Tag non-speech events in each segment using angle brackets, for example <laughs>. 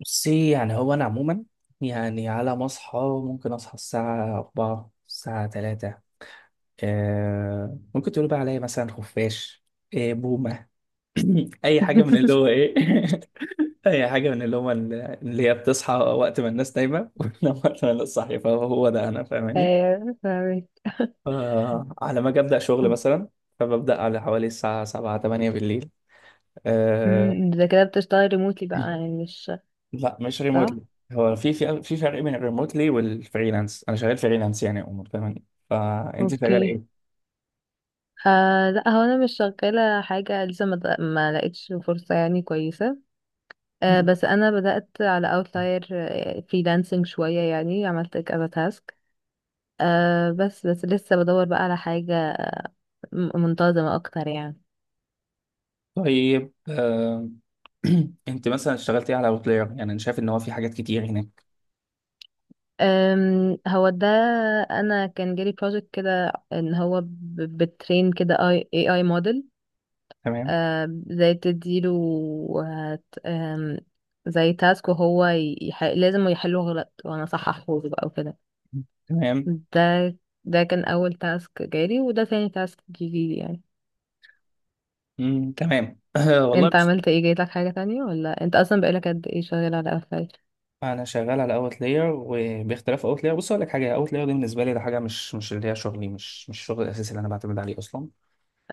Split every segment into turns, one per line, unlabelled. بصي يعني هو أنا عموما يعني على ما أصحى ممكن أصحى الساعة أربعة الساعة تلاتة. آه ممكن تقولوا بقى عليا مثلا خفاش، آه بومة. <clears throat> <laughs> أي حاجة من اللي هو
<laughs>
إيه. <laughs> أي حاجة من اللي هو اللي هي بتصحى وقت ما الناس نايمة <laughs> وتنام وقت ما الناس صاحية، فهو ده أنا، فاهماني؟
فاهمك.
آه، على ما أجي أبدأ شغل مثلا فببدأ على حوالي الساعة سبعة تمانية بالليل. آه،
ده كده بتشتغلي ريموتلي بقى، يعني مش
لا مش
صح.
ريموتلي. هو في فرق بين الريموتلي والفريلانس، انا شغال فريلانس يعني يا عمر، فاهمني؟ فانت
اوكي.
شغاله
آه لا، هو انا مش شغاله حاجه لسه، ما لقيتش فرصه يعني كويسه.
ايه.
آه بس انا بدات على اوتلاير فريلانسنج شويه، يعني عملت كذا تاسك. آه، بس بس لسه بدور بقى على حاجه منتظمه اكتر يعني.
طيب آه، <clears throat> انت مثلا اشتغلتي على اوتلاير؟ يعني انا شايف ان هو في حاجات كتير هناك.
هو ده. انا كان جالي بروجكت كده ان هو بترين كده اي، اي موديل.
تمام.
زي تديله، هت... آم، زي تاسك وهو لازم يحله غلط وانا صححه بقى وكده.
تمام.
ده ده كان اول تاسك جالي، وده تاني تاسك جيلي يعني.
تمام. <clears throat> والله
انت
بص،
عملت ايه؟ جايلك حاجة تانية ولا انت اصلا بقالك قد ايه شغال على قفايل؟
انا شغال على اوتلاير، وباختلاف اوتلاير بص اقول لك حاجه، اوتلاير دي بالنسبه لي ده حاجه مش اللي هي شغلي، مش الشغل الاساسي اللي انا بعتمد عليه اصلا.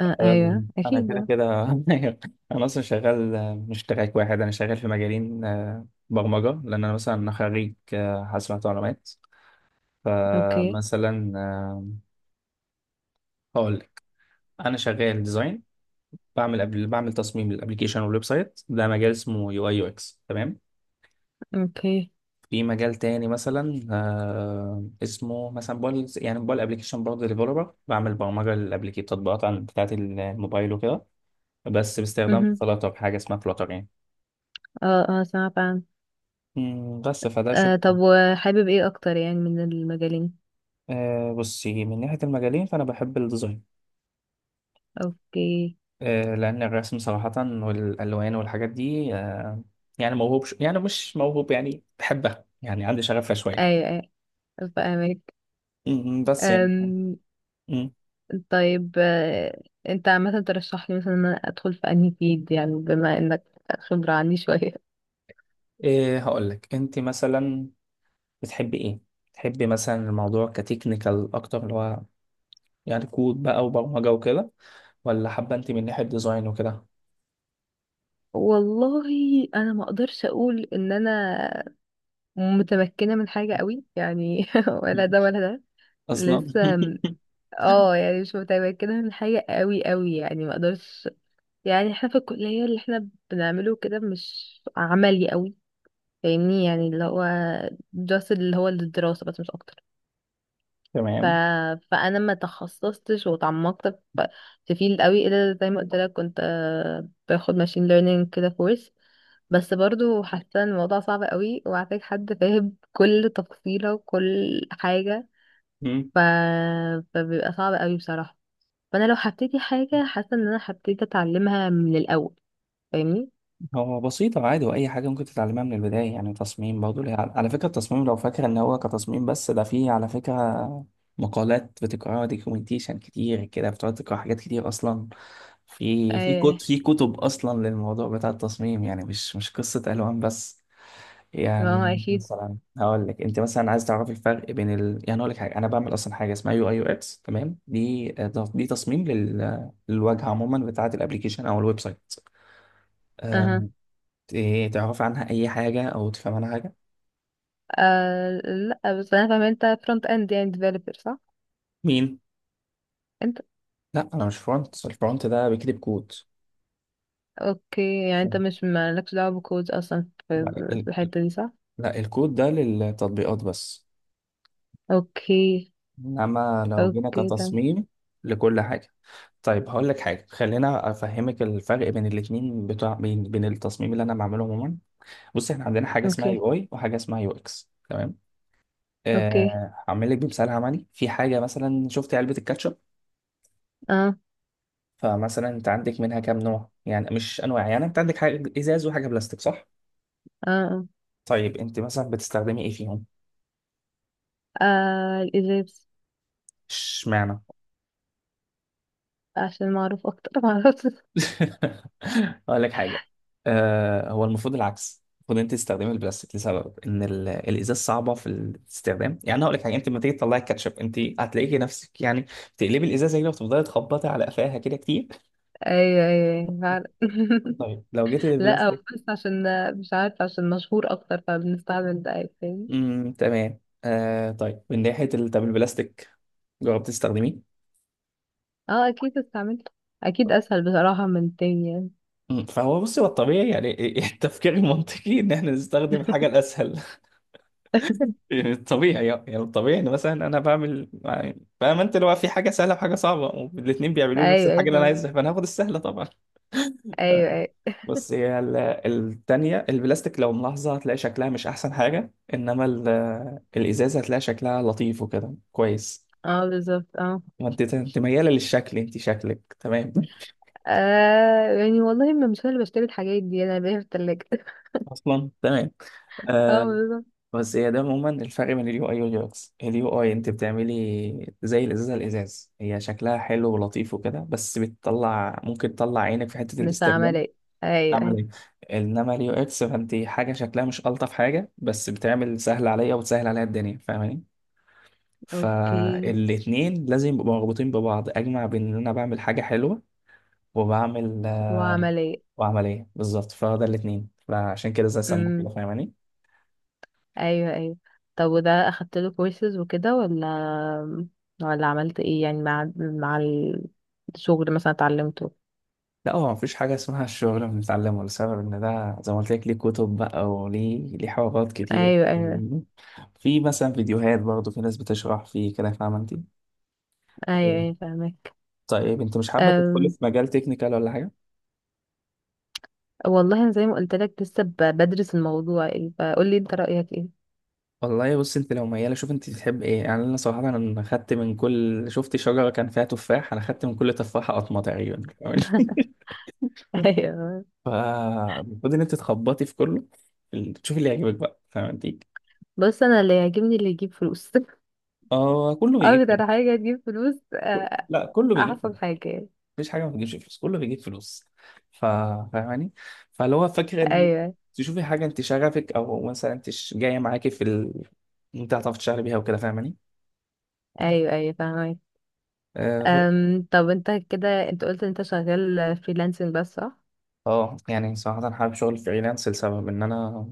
آه ايوه
انا
اكيد
كده
آه.
كده. <laughs> انا اصلا شغال آه، مش تراك واحد، انا شغال في مجالين آه، برمجه لان انا مثلا خريج آه، حاسبات ومعلومات.
اوكي.
فمثلا آه، هقول لك، انا شغال ديزاين، بعمل قبل بعمل تصميم للابلكيشن والويب سايت، ده مجال اسمه يو اي يو اكس تمام.
اوكي
في مجال تاني مثلا آه، اسمه مثلا موبايل، يعني موبايل ابلكيشن برضه ديفلوبر، بعمل برمجه للابلكيشن تطبيقات عن بتاعت الموبايل وكده، بس باستخدام
مهم.
فلاتر، حاجه اسمها فلاتر يعني.
اه اه سمعت عنه.
بس فده
آه،
شغل.
طب وحابب ايه اكتر يعني من المجالين؟
أه بصي، من ناحية المجالين فأنا بحب الديزاين.
اوكي.
أه لأن الرسم صراحة والألوان والحاجات دي أه، يعني موهوب يعني مش موهوب يعني بحبها، يعني عندي شغفها شوية.
ايوه ايوه فاهمك.
بس يعني. مم.
طيب، انت عامة ترشح لي مثلا ان انا ادخل في انهي فيلد يعني، بما انك خبرة عني شوية. <laughs>
أه هقول لك، أنت مثلا بتحبي إيه؟ تحبي مثلا الموضوع كتكنيكال أكتر، اللي هو يعني كود بقى وبرمجة وكده؟ ولا حابة أنت من ناحية ديزاين وكده؟
والله انا ما اقدرش اقول ان انا متمكنة من حاجة قوي يعني، <laughs>
مم.
ولا ده ولا ده.
أصلا.
لسه م- اه يعني مش متمكنة من حاجة قوي قوي يعني، ما اقدرش. يعني احنا في الكلية اللي احنا بنعمله كده مش عملي قوي، فاهمني يعني. اللي هو just اللي هو الدراسة بس مش اكتر.
<laughs>
ف...
تمام.
فانا ما تخصصتش وتعمقت في في فيلد قوي، الا زي ما قلت لك كنت، باخد ماشين ليرنينج كده كورس. بس برضو حاسه إن الموضوع صعب قوي، وعايزك حد فاهم كل تفصيله وكل حاجه. ف... فبيبقى صعب قوي بصراحه. فانا لو هبتدي حاجه حاسه ان انا هبتدي اتعلمها من الاول، فاهمني.
هو بسيطة عادي، وأي حاجة ممكن تتعلمها من البداية، يعني تصميم برضه على فكرة التصميم، لو فاكر إن هو كتصميم بس، ده فيه على فكرة مقالات بتقراها، دوكيومنتيشن كتير كده بتقعد تقرا حاجات كتير أصلا. في كتب
ايه.
في كتب أصلا للموضوع بتاع التصميم، يعني مش مش قصة ألوان بس.
ما هو
يعني
اكيد.
مثلا هقول لك، أنت مثلا عايز تعرف الفرق بين يعني هقول لك حاجة، أنا بعمل أصلا حاجة اسمها يو أي يو إكس تمام. دي دي تصميم للواجهة عموما بتاعة الأبليكيشن أو الويب سايت.
اها.
إيه تعرف عنها أي حاجة أو تفهم عنها حاجة؟
آه لا بس انا فاهمه انت فرونت اند يعني ديفلوبر، صح؟
مين؟
انت.
لا أنا مش فرونت، الفرونت ده بيكتب كود.
اوكي، يعني انت مش مالكش دعوة بالكود اصلا في
لا ال-
في الحتة دي صح؟
لا، الكود ده للتطبيقات بس.
اوكي.
إنما لو جينا
اوكي تمام.
كتصميم لكل حاجة. طيب هقول لك حاجة، خلينا أفهمك الفرق بين الاتنين بتوع، بين التصميم اللي أنا بعمله عموما. بص إحنا عندنا حاجة اسمها
اوكي.
يو أي وحاجة اسمها يو إكس تمام.
اوكي.
آه، هعمل لك بمثال عملي في حاجة، مثلا شفت علبة الكاتشب؟
اه.
فمثلا انت عندك منها كام نوع، يعني مش انواع، يعني انت عندك حاجه ازاز وحاجه بلاستيك صح؟
اه اه،
طيب انت مثلا بتستخدمي ايه فيهم؟
آه الازاز.
اشمعنى؟
عشان معروف اكتر <laughs> معرفش.
<laughs> اقول لك حاجه، آه هو المفروض العكس، المفروض انت تستخدمي البلاستيك، لسبب ان الازاز صعبه في الاستخدام. يعني هقول لك حاجه، انت لما تيجي تطلعي الكاتشب انت هتلاقيكي نفسك يعني تقلبي الازازه كده وتفضلي تخبطي على قفاها كده كتير.
ايوه ايوه أيوة، فعلا. <laughs>
طيب لو جيتي
لا هو
للبلاستيك.
بس عشان مش عارفة، عشان مشهور اكتر فبنستعمل ده. أيوة، فاهم.
تمام آه، طيب من طب البلاستيك جربتي تستخدميه؟
اه اكيد استعملت، اكيد اسهل بصراحة من التاني يعني.
مم. فهو بص، هو الطبيعي يعني <laughs> التفكير المنطقي ان احنا نستخدم الحاجه الاسهل. <laughs> يعني الطبيعي، يعني الطبيعي ان مثلا انا بعمل، يعني فاهم انت، اللي هو في حاجه سهله وحاجه صعبه، والاثنين بيعملوا لي نفس
ايوه ايوه
الحاجه اللي انا
فاهم.
عايزها، فانا هاخد السهله طبعا.
ايوه
<laughs>
ايوه
بس هي التانية البلاستيك، لو ملاحظة هتلاقي شكلها مش أحسن حاجة، إنما الإزازة هتلاقي شكلها لطيف وكده كويس.
اه بالظبط اه.
ما أنت أنت ميالة للشكل، أنت شكلك تمام.
آه يعني والله ما مش انا اللي بشتري الحاجات دي، انا بلاقيها في التلاجة.
<laughs> أصلا تمام.
اه
آه،
بالظبط.
بس هي ده عموما الفرق بين اليو اي واليو اكس. اليو اي انت بتعملي زي الازازه، الازاز هي شكلها حلو ولطيف وكده، بس بتطلع ممكن تطلع عينك في حته
مش
الاستخدام.
عملية. ايوه
تعمل
ايوه.
ايه؟ انما اليو اكس، فانت حاجه شكلها مش الطف حاجه، بس بتعمل سهل عليا وتسهل عليا الدنيا، فاهماني؟
اوكي.
فالاتنين لازم يبقوا مربوطين ببعض، اجمع بين ان انا بعمل حاجه حلوه وبعمل آه،
وعملية.
وعمليه بالظبط. فده الاتنين، فعشان كده زي سموه
امم،
كده فاهماني.
ايوه ايوه. طب وده اخدت له كورسز وكده، ولا عملت ايه يعني؟ مع الشغل مثلا اتعلمته؟
لا هو مفيش حاجة اسمها الشغل بنتعلمه، لسبب إن ده زي ما قلت لك، ليه كتب بقى، وليه حوارات كتير،
ايوه ايوه.
في مثلا فيديوهات برضه، في ناس بتشرح فيه كده، فاهمة أنت.
ايوه ايوه فاهمك.
طيب أنت مش حابة تدخلي
أم...
في مجال تكنيكال ولا حاجة؟
والله انا زي ما قلت لك لسه بدرس الموضوع، ايه فقول لي انت رأيك ايه.
والله بص، أنت لو ميالة شوف أنت تحب إيه. يعني أنا صراحة أنا خدت من كل، شفت شجرة كان فيها تفاح أنا خدت من كل تفاحة قطمة تقريبا. <laughs>
<laughs> ايوه.
فالمفروض إن أنت تخبطي في كله، تشوفي اللي يعجبك بقى، فاهمة أنت؟
بص انا اللي يعجبني اللي يجيب فلوس. <laughs>
آه كله بيجيب
اكتر
فلوس.
حاجة تجيب فلوس،
لا كله
احسن
بيجيب،
حاجة يعني.
مفيش حاجه ما بتجيبش فلوس، كله بيجيب فلوس. ف- فاهماني؟ فاللي هو فاكره ان
ايوه
تشوفي حاجه انت شغفك، او مثلا انت جايه معاكي في انت هتعرفي تشتغلي بيها وكده، فاهماني؟
ايوه ايوه فاهمك.
اه
طب انت كده، انت قلت انت شغال فريلانسنج بس صح؟
آه، يعني صراحه حابب شغل فريلانس لسبب ان انا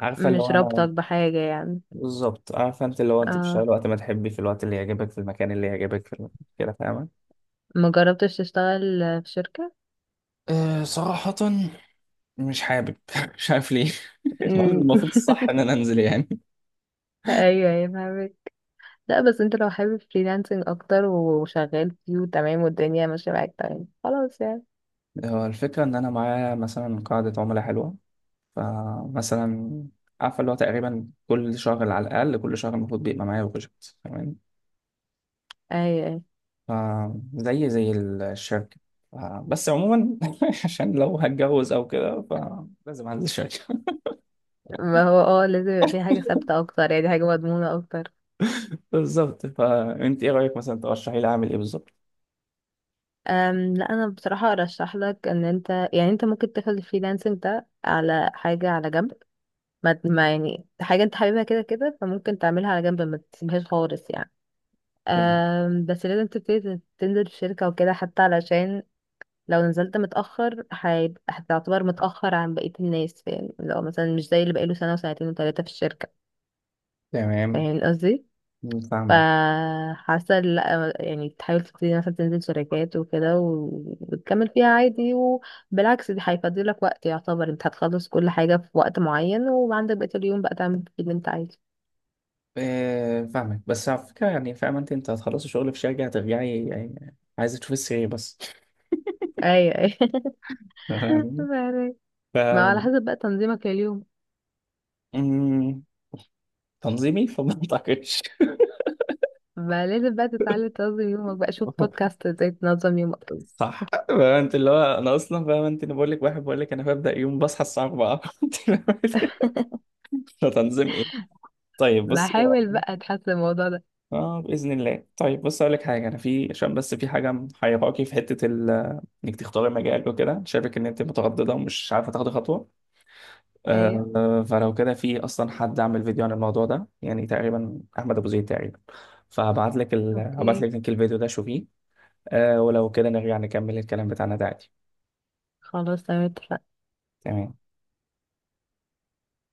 عارفه اللي
مش
هو انا،
رابطك بحاجة يعني.
بالظبط عارفه انت، اللي هو انت
اه.
بتشتغلي وقت ما تحبي في الوقت اللي يعجبك في المكان اللي يعجبك في كده فاهمه.
ما جربتش تشتغل في شركة.
أه صراحة مش حابب، <laughs> مش عارف ليه. <laughs> مع إن
أمم،
المفروض الصح ان انا انزل يعني.
<laughs> ايوه ايوه فاهمك. لا، بس انت لو حابب فريلانسنج اكتر وشغال فيه وتمام والدنيا ماشية معاك، تمام خلاص يعني.
هو الفكرة إن أنا معايا مثلا قاعدة عملاء حلوة، فمثلا عارفة اللي هو تقريبا كل شهر على الأقل، كل شهر المفروض بيبقى معايا بروجكت تمام.
ايوه ايوه.
فزي زي الشركة. ف- بس عموما <laughs> عشان لو هتجوز أو كده فلازم أنزل الشركة.
ما هو لازم يبقى في حاجة ثابتة اكتر يعني، حاجة مضمونة اكتر.
<laughs> بالظبط، فأنت إيه رأيك مثلا ترشحي لي أعمل إيه بالظبط؟
لا انا بصراحة ارشح لك ان انت، يعني انت ممكن تاخد الفريلانسنج ده على حاجة على جنب. ما يعني حاجة انت حاببها كده كده، فممكن تعملها على جنب ما تسيبهاش خالص يعني.
تمام.
بس لازم تبتدي تنزل في شركة وكده، حتى علشان لو نزلت متأخر هيبقى، هتعتبر متأخر عن بقية الناس، فاهم؟ لو مثلا مش زي اللي بقاله سنة وسنتين وتلاتة في الشركة،
تمام.
فاهم قصدي؟
فاهمك.
فحاسة لا، يعني تحاول تبتدي مثلا تنزل شركات وكده وتكمل فيها عادي، وبالعكس دي هيفضلك وقت، يعتبر انت هتخلص كل حاجة في وقت معين وعندك بقية اليوم بقى تعمل فيه اللي انت عايزه.
آه، فاهمك، بس على فكرة يعني، فاهمة أنت، أنت هتخلصي شغل في شركة هترجعي يعني عايزة تشوفي السرير بس.
ايوه ايوه. <laughs>
<laughs>
فاهمك.
فاهمني؟ ف،
ما على حسب بقى تنظيمك لليوم.
أمم، تنظيمي فما أعتقدش.
ما لازم بقى تتعلم تنظم يومك، بقى شوف
<laughs>
بودكاست ازاي تنظم يومك.
صح. <laughs> فاهم انت، اللي هو انا اصلا فاهم انت، انا بقول لك واحد بقول لك انا ببدا يوم بصحى الساعه 4. <laughs> فتنظيم ايه؟ طيب بص.
بحاول بقى تحسن الموضوع ده.
اه باذن الله، طيب بص اقول لك حاجه، انا في عشان بس في حاجه محيراكي في حته انك تختاري مجالك وكده، شايفك ان انت متردده ومش عارفه تاخدي خطوه.
ايوه
آه فلو كده، في اصلا حد عمل فيديو عن الموضوع ده، يعني تقريبا احمد ابو زيد تقريبا. فهبعت لك هبعت
اوكي
لك لينك الفيديو ده شوفيه. آه ولو كده نرجع نكمل الكلام بتاعنا ده عادي.
خلاص تمام اتفقنا.
تمام.